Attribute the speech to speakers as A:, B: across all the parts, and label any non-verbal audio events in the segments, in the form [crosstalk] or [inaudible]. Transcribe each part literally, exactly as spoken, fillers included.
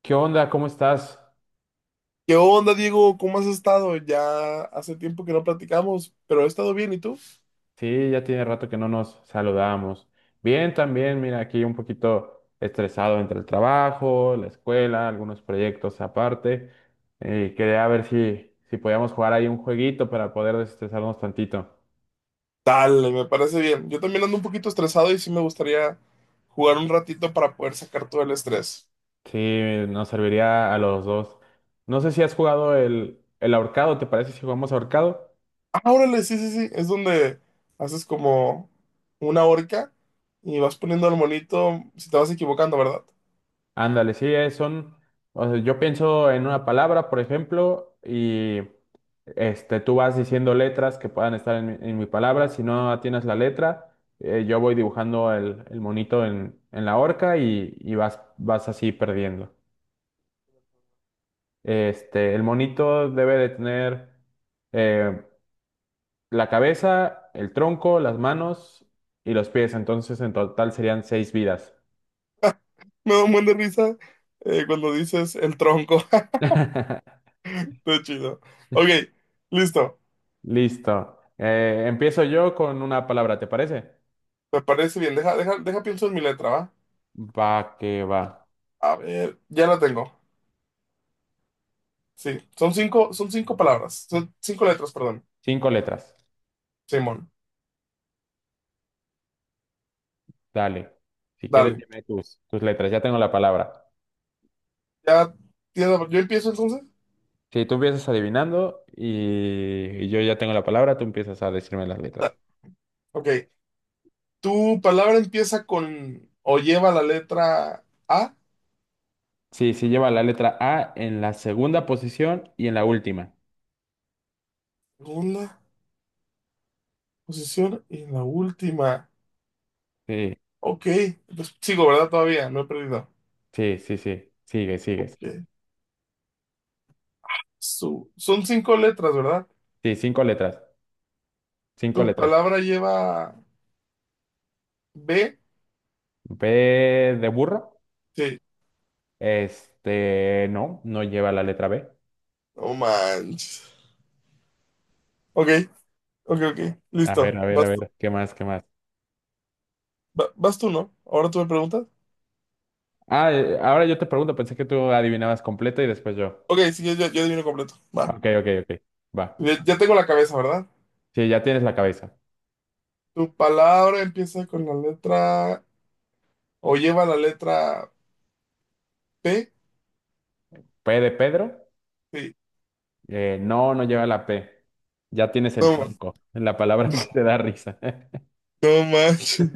A: ¿Qué onda? ¿Cómo estás?
B: ¿Qué onda, Diego? ¿Cómo has estado? Ya hace tiempo que no platicamos, pero he estado bien, ¿y tú?
A: Sí, ya tiene rato que no nos saludamos. Bien, también, mira, aquí un poquito estresado entre el trabajo, la escuela, algunos proyectos aparte. Y quería ver si, si podíamos jugar ahí un jueguito para poder desestresarnos tantito.
B: Dale, me parece bien. Yo también ando un poquito estresado y sí me gustaría jugar un ratito para poder sacar todo el estrés.
A: Sí, nos serviría a los dos. No sé si has jugado el, el ahorcado, ¿te parece si jugamos ahorcado?
B: Ah, órale, sí, sí, sí. Es donde haces como una horca y vas poniendo al monito si te vas equivocando, ¿verdad?
A: Ándale, sí, eh, son, o sea, yo pienso en una palabra, por ejemplo, y este, tú vas diciendo letras que puedan estar en, mi en mi palabra. Si no tienes la letra, eh, yo voy dibujando el, el monito en, en la horca y, y vas, vas así perdiendo. Este, el monito debe de tener eh, la cabeza, el tronco, las manos y los pies. Entonces, en total serían seis vidas.
B: [laughs] Me da un buen de risa eh, cuando dices el tronco.
A: [laughs]
B: [laughs] Todo chido. Ok, listo.
A: Listo. Eh, empiezo yo con una palabra, ¿te parece?
B: Me parece bien. Deja, deja, deja, pienso en mi letra, ¿va?
A: Va que va.
B: A ver, ya la tengo. Sí, son cinco, son cinco palabras, son cinco letras, perdón.
A: Cinco letras.
B: Simón,
A: Dale. Si quieres,
B: dale.
A: dime tus, tus letras. Ya tengo la palabra.
B: Ya tienes, la- yo empiezo entonces.
A: Si tú empiezas adivinando y, y yo ya tengo la palabra, tú empiezas a decirme las letras.
B: Ok, tu palabra empieza con o lleva la letra A,
A: Sí, sí lleva la letra A en la segunda posición y en la última.
B: segunda posición y la última.
A: Sí,
B: Ok, pues sigo, ¿verdad? Todavía, no he perdido.
A: sí, sí, sí. Sigue, sigues.
B: Ok, Su, son cinco letras, ¿verdad?
A: Sí, cinco letras. Cinco
B: Tu
A: letras.
B: palabra lleva B,
A: B de burro.
B: sí.
A: Este, no, no lleva la letra B.
B: No manches. Ok, ok, ok,
A: A ver,
B: listo.
A: a ver,
B: Vas
A: a
B: tú.
A: ver, ¿qué más, qué más?
B: Va- vas tú, ¿no? Ahora tú me preguntas.
A: Ah, eh, ahora yo te pregunto, pensé que tú adivinabas completa y después yo.
B: Ok, sí, yo, yo, yo adivino completo. Va.
A: Ok, ok, ok, va.
B: Ya, ya tengo la cabeza, ¿verdad?
A: Sí, ya tienes la cabeza.
B: ¿Tu palabra empieza con la letra o lleva la letra P?
A: P de Pedro,
B: Sí.
A: eh, no, no lleva la P. Ya tienes el
B: No, ma-
A: tronco, la palabra [laughs] que te da risa. [laughs]
B: no manches.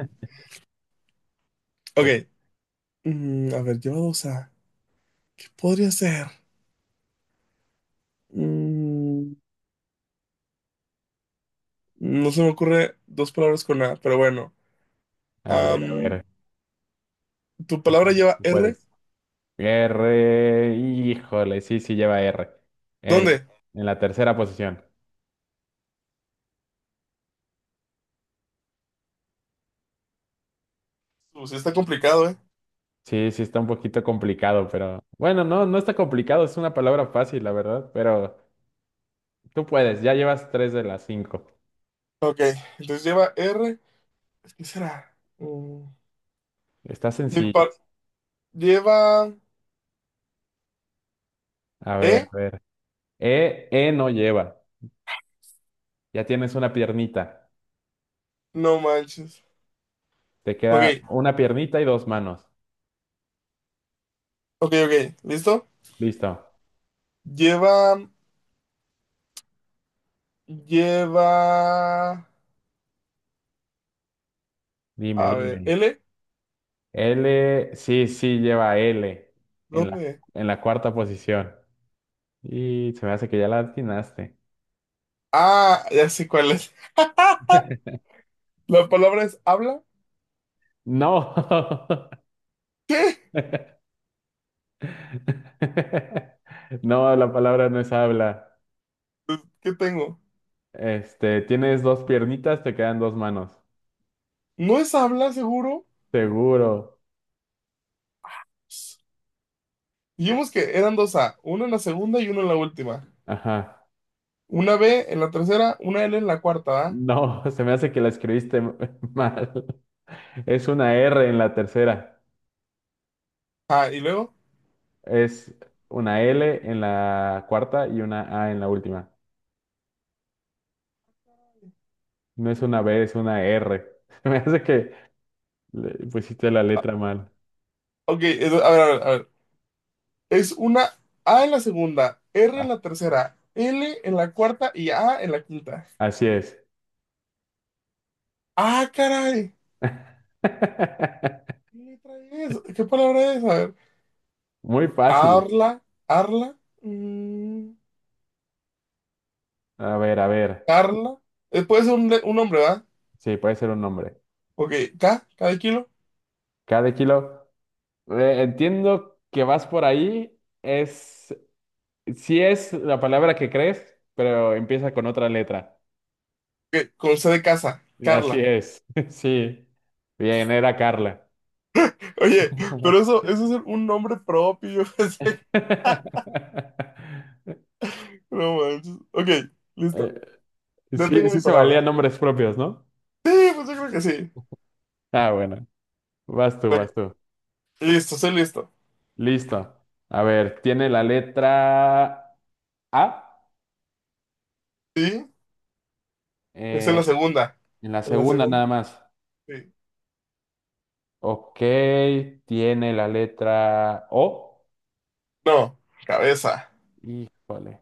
B: Ok.
A: Te-
B: Mm, a ver, lleva dos A. ¿Qué podría ser? Mm, no se me ocurre dos palabras con A, pero bueno.
A: A ver, a
B: Am,
A: ver,
B: ¿tu
A: tú
B: palabra
A: puedes,
B: lleva
A: tú
B: R?
A: puedes. R, híjole, sí, sí lleva R. En,
B: ¿Dónde?
A: en la tercera posición.
B: Pues está complicado, ¿eh?
A: Sí, sí está un poquito complicado, pero bueno, no, no está complicado, es una palabra fácil, la verdad, pero... Tú puedes, ya llevas tres de las cinco.
B: Ok, entonces lleva R. ¿Qué será? Mm,
A: Está
B: mi
A: sencilla.
B: par- lleva
A: A ver,
B: E.
A: a ver. E, E no lleva. Ya tienes una piernita.
B: No manches.
A: Te
B: Ok,
A: queda una piernita y dos manos.
B: ok, ok. ¿Listo?
A: Listo.
B: Lleva. Lleva.
A: Dime,
B: A ver,
A: dime.
B: ¿L?
A: L, sí, sí, lleva L en la,
B: ¿Dónde?
A: en la cuarta posición. Y se me hace que ya la atinaste.
B: Ah, ya sé cuál es. La palabra es habla.
A: No.
B: ¿Qué?
A: [laughs] No, la palabra no es habla.
B: Pues, ¿qué tengo?
A: Este, tienes dos piernitas, te quedan dos manos.
B: ¿No es habla, seguro?
A: Seguro.
B: Dijimos que eran dos A, una en la segunda y una en la última.
A: Ajá.
B: Una B en la tercera, una L en la cuarta, ¿verdad?
A: No, [laughs] se me hace que la escribiste m- [laughs] mal. Es una R en la tercera.
B: Ah, y luego.
A: Es una L en la cuarta y una A en la última. No es una B, es una R. [laughs] Se me hace que le pusiste la letra mal.
B: Ok, entonces, a ver, a ver, a ver. Es una A en la segunda, R en
A: Ah,
B: la tercera, L en la cuarta y A en la quinta.
A: así es.
B: Ah, caray.
A: [laughs]
B: ¿Qué trae eso? ¿Qué palabra es? A ver.
A: Muy fácil.
B: Arla, Arla, mm,
A: A ver, a ver.
B: Carla. Eh, puede ser un, le- un nombre, ¿va?
A: Sí, puede ser un nombre.
B: Ok, K, K de kilo.
A: Cada kilo. Eh, entiendo que vas por ahí. Es, sí es la palabra que crees, pero empieza con otra letra.
B: Ok, con C de casa,
A: Así
B: Carla.
A: es, [laughs] sí. Bien, era Carla.
B: Oye, pero eso, eso es un nombre propio.
A: [laughs]
B: [laughs] No manches. Ok,
A: Eh,
B: listo. Ya
A: Sí,
B: tengo mi
A: sí se valían
B: palabra.
A: nombres propios, ¿no?
B: Sí, pues yo creo que sí.
A: Ah, bueno. Vas tú,
B: Ok,
A: vas tú.
B: listo, estoy listo.
A: Listo. A ver, tiene la letra A
B: Sí, es en
A: eh,
B: la segunda.
A: en la
B: En la
A: segunda
B: segunda,
A: nada más.
B: sí.
A: Ok, tiene la letra O.
B: No, cabeza.
A: Híjole,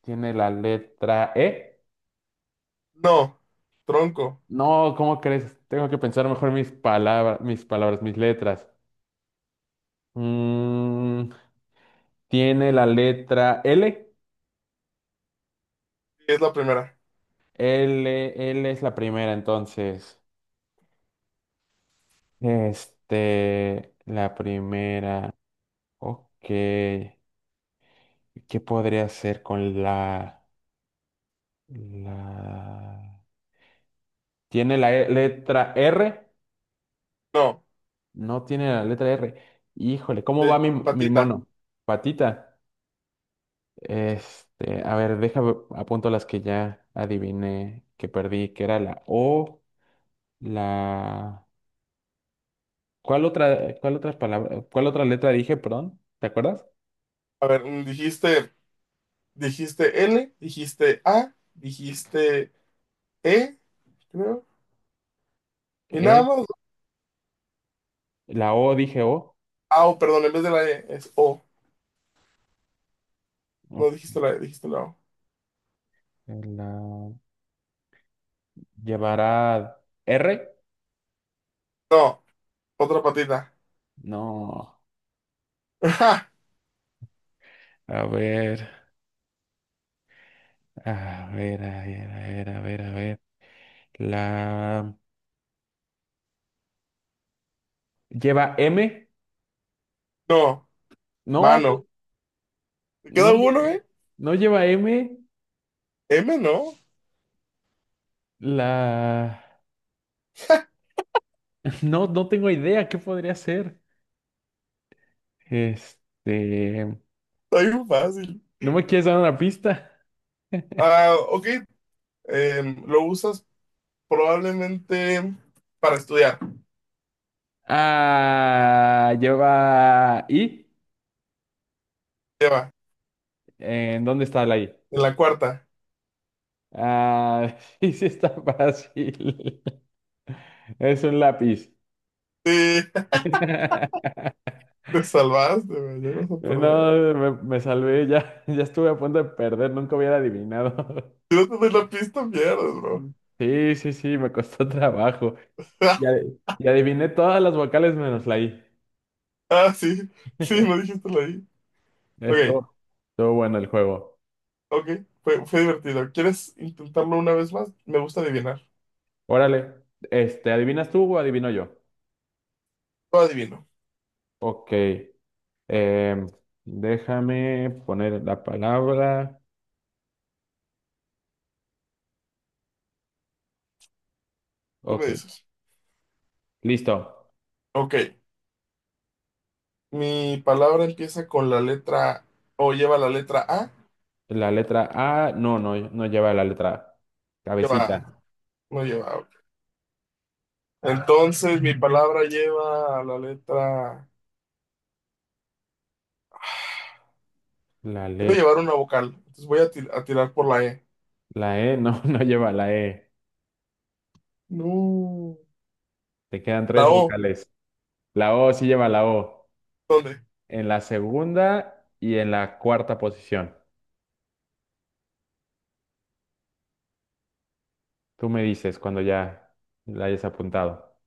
A: tiene la letra E.
B: No, tronco.
A: No, ¿cómo crees? Tengo que pensar mejor mis palabras, mis palabras, mis letras. Mm, Tiene la letra L.
B: Sí, es la primera.
A: L, L es la primera, entonces. Este, la primera. Ok. ¿Qué podría hacer con la, la... ¿Tiene la e- letra R?
B: No,
A: No tiene la letra R. Híjole, ¿cómo
B: ya-
A: va mi, mi
B: patita.
A: mono? Patita. Este, a ver, deja, apunto las que ya adiviné, que perdí, que era la O, la... ¿Cuál otra, cuál otras palabra, cuál otra letra dije, perdón? ¿Te acuerdas?
B: A ver, mm, dijiste, dijiste L, dijiste A, dijiste E, creo. Y nada
A: Eh,
B: más.
A: la O dije O.
B: Ah, oh, perdón, en vez de la E es O. No
A: Ok,
B: dijiste la E, dijiste la O.
A: la llevará R.
B: No, otra patita.
A: No. A ver, a ver, a ver, a ver, a ver, a ver. La lleva M.
B: [laughs] No,
A: No, no,
B: mano. ¿Te
A: no,
B: queda
A: lle-
B: uno, eh?
A: no lleva M.
B: M, no.
A: La [laughs] no, no tengo idea qué podría ser. Este,
B: Está bien fácil.
A: ¿no me quieres dar una pista? [laughs]
B: Ah, ok. Em, lo usas probablemente para estudiar.
A: Ah, lleva I.
B: Lleva,
A: ¿En dónde está la I?
B: en la cuarta.
A: Ah, [laughs] sí, sí está fácil. [laughs] Es un lápiz.
B: Sí, [laughs]
A: [laughs]
B: te salvaste, me llegas a perder.
A: No, me, me salvé, ya, [laughs] ya estuve a punto de perder, nunca hubiera adivinado. [laughs]
B: Si no te doy la pista, pierdes, bro.
A: Sí, sí, sí, me costó [laughs] trabajo. Y,
B: [laughs]
A: adi- y adiviné todas las vocales menos la I.
B: Ah, sí, sí, lo
A: [laughs]
B: dijiste ahí. Ok,
A: Esto, estuvo bueno el juego.
B: ok, fue, fue divertido. ¿Quieres intentarlo una vez más? Me gusta adivinar.
A: Órale, este, ¿adivinas tú o adivino yo?
B: Lo adivino,
A: Ok. Em, déjame poner la palabra.
B: tú me
A: Ok,
B: dices.
A: listo.
B: Ok, mi palabra empieza con la letra o lleva la letra A.
A: La letra A, no, no, no lleva la letra A.
B: Lleva,
A: Cabecita.
B: A, no lleva. A. Ok. Entonces, mi palabra lleva la letra.
A: La
B: Debe
A: le-
B: llevar una vocal. Entonces voy a, ti- a tirar por la E.
A: la E, no, [laughs] no lleva la E.
B: No.
A: Te quedan
B: La
A: tres
B: O,
A: vocales. La O sí lleva la O.
B: ¿dónde?
A: En la segunda y en la cuarta posición. Tú me dices cuando ya la hayas apuntado.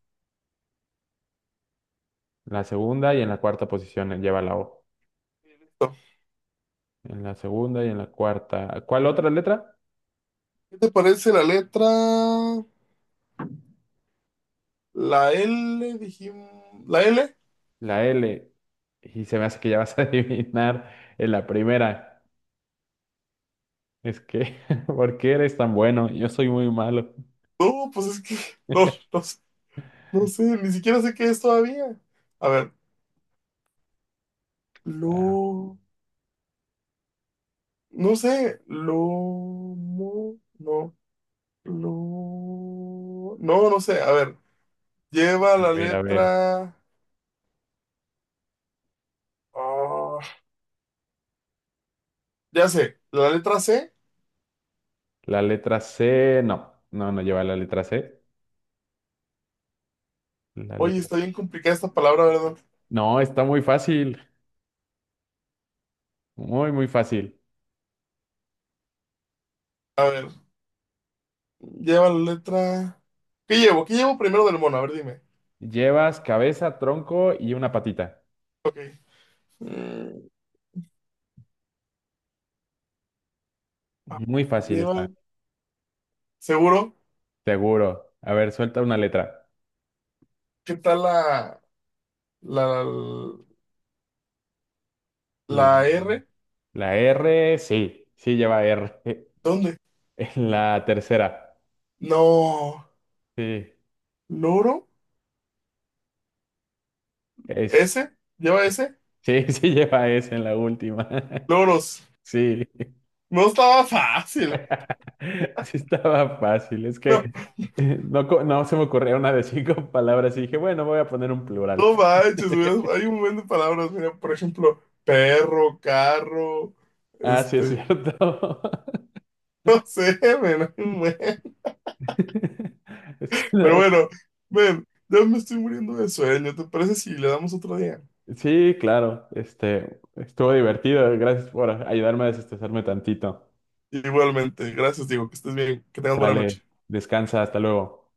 A: La segunda y en la cuarta posición lleva la O.
B: Listo.
A: En la segunda y en la cuarta. ¿Cuál otra letra?
B: ¿Qué te parece la letra? La L, dijimos. ¿La L?
A: La L. Y se me hace que ya vas a [laughs] adivinar en la primera. Es que, [laughs] ¿por qué eres tan bueno? Yo soy muy malo.
B: No, pues es que no,
A: [laughs]
B: no, sé, no sé, ni siquiera sé qué es todavía. A ver,
A: Ah,
B: lo, no sé, lomo, no, lo, no, no sé, a ver, lleva
A: a
B: la
A: ver, a ver.
B: letra, ah, ya sé, la letra C.
A: La letra C, no, no, no lleva la letra C. La
B: Oye,
A: letra.
B: está bien complicada esta palabra, ¿verdad?
A: No, está muy fácil, muy, muy fácil.
B: A ver, lleva la letra, ¿qué llevo? ¿Qué llevo primero del mono? A ver, dime.
A: Llevas cabeza, tronco y una patita.
B: Ok. Mm, ah,
A: Muy fácil
B: lleva,
A: está,
B: seguro,
A: seguro. A ver, suelta una letra.
B: ¿qué tal la, la,
A: La,
B: la R?
A: la R, sí, sí lleva R. [laughs]
B: ¿Dónde?
A: En la tercera,
B: No,
A: sí,
B: loro,
A: es,
B: S, lleva S,
A: sí, [laughs] sí lleva S en la última. [laughs]
B: loros.
A: Sí.
B: No estaba [laughs] fácil.
A: [laughs] Sí estaba fácil, es
B: No,
A: que eh, no, co- no se me ocurrió una de cinco [laughs] palabras y dije, bueno, voy a poner un plural.
B: no manches, hubiera-
A: [laughs]
B: hay un montón de palabras, mira, por ejemplo, perro, carro,
A: Ah, sí, es
B: este,
A: cierto.
B: [laughs] no sé, men, hay un buen.
A: [laughs] Es que
B: Pero
A: no-
B: bueno, ven, ya me estoy muriendo de sueño, ¿te parece si le damos otro día?
A: sí, claro, este, estuvo divertido. Gracias por ayudarme a desestresarme tantito.
B: Igualmente, gracias, digo, que estés bien, que tengas buena
A: Dale,
B: noche.
A: descansa, hasta luego.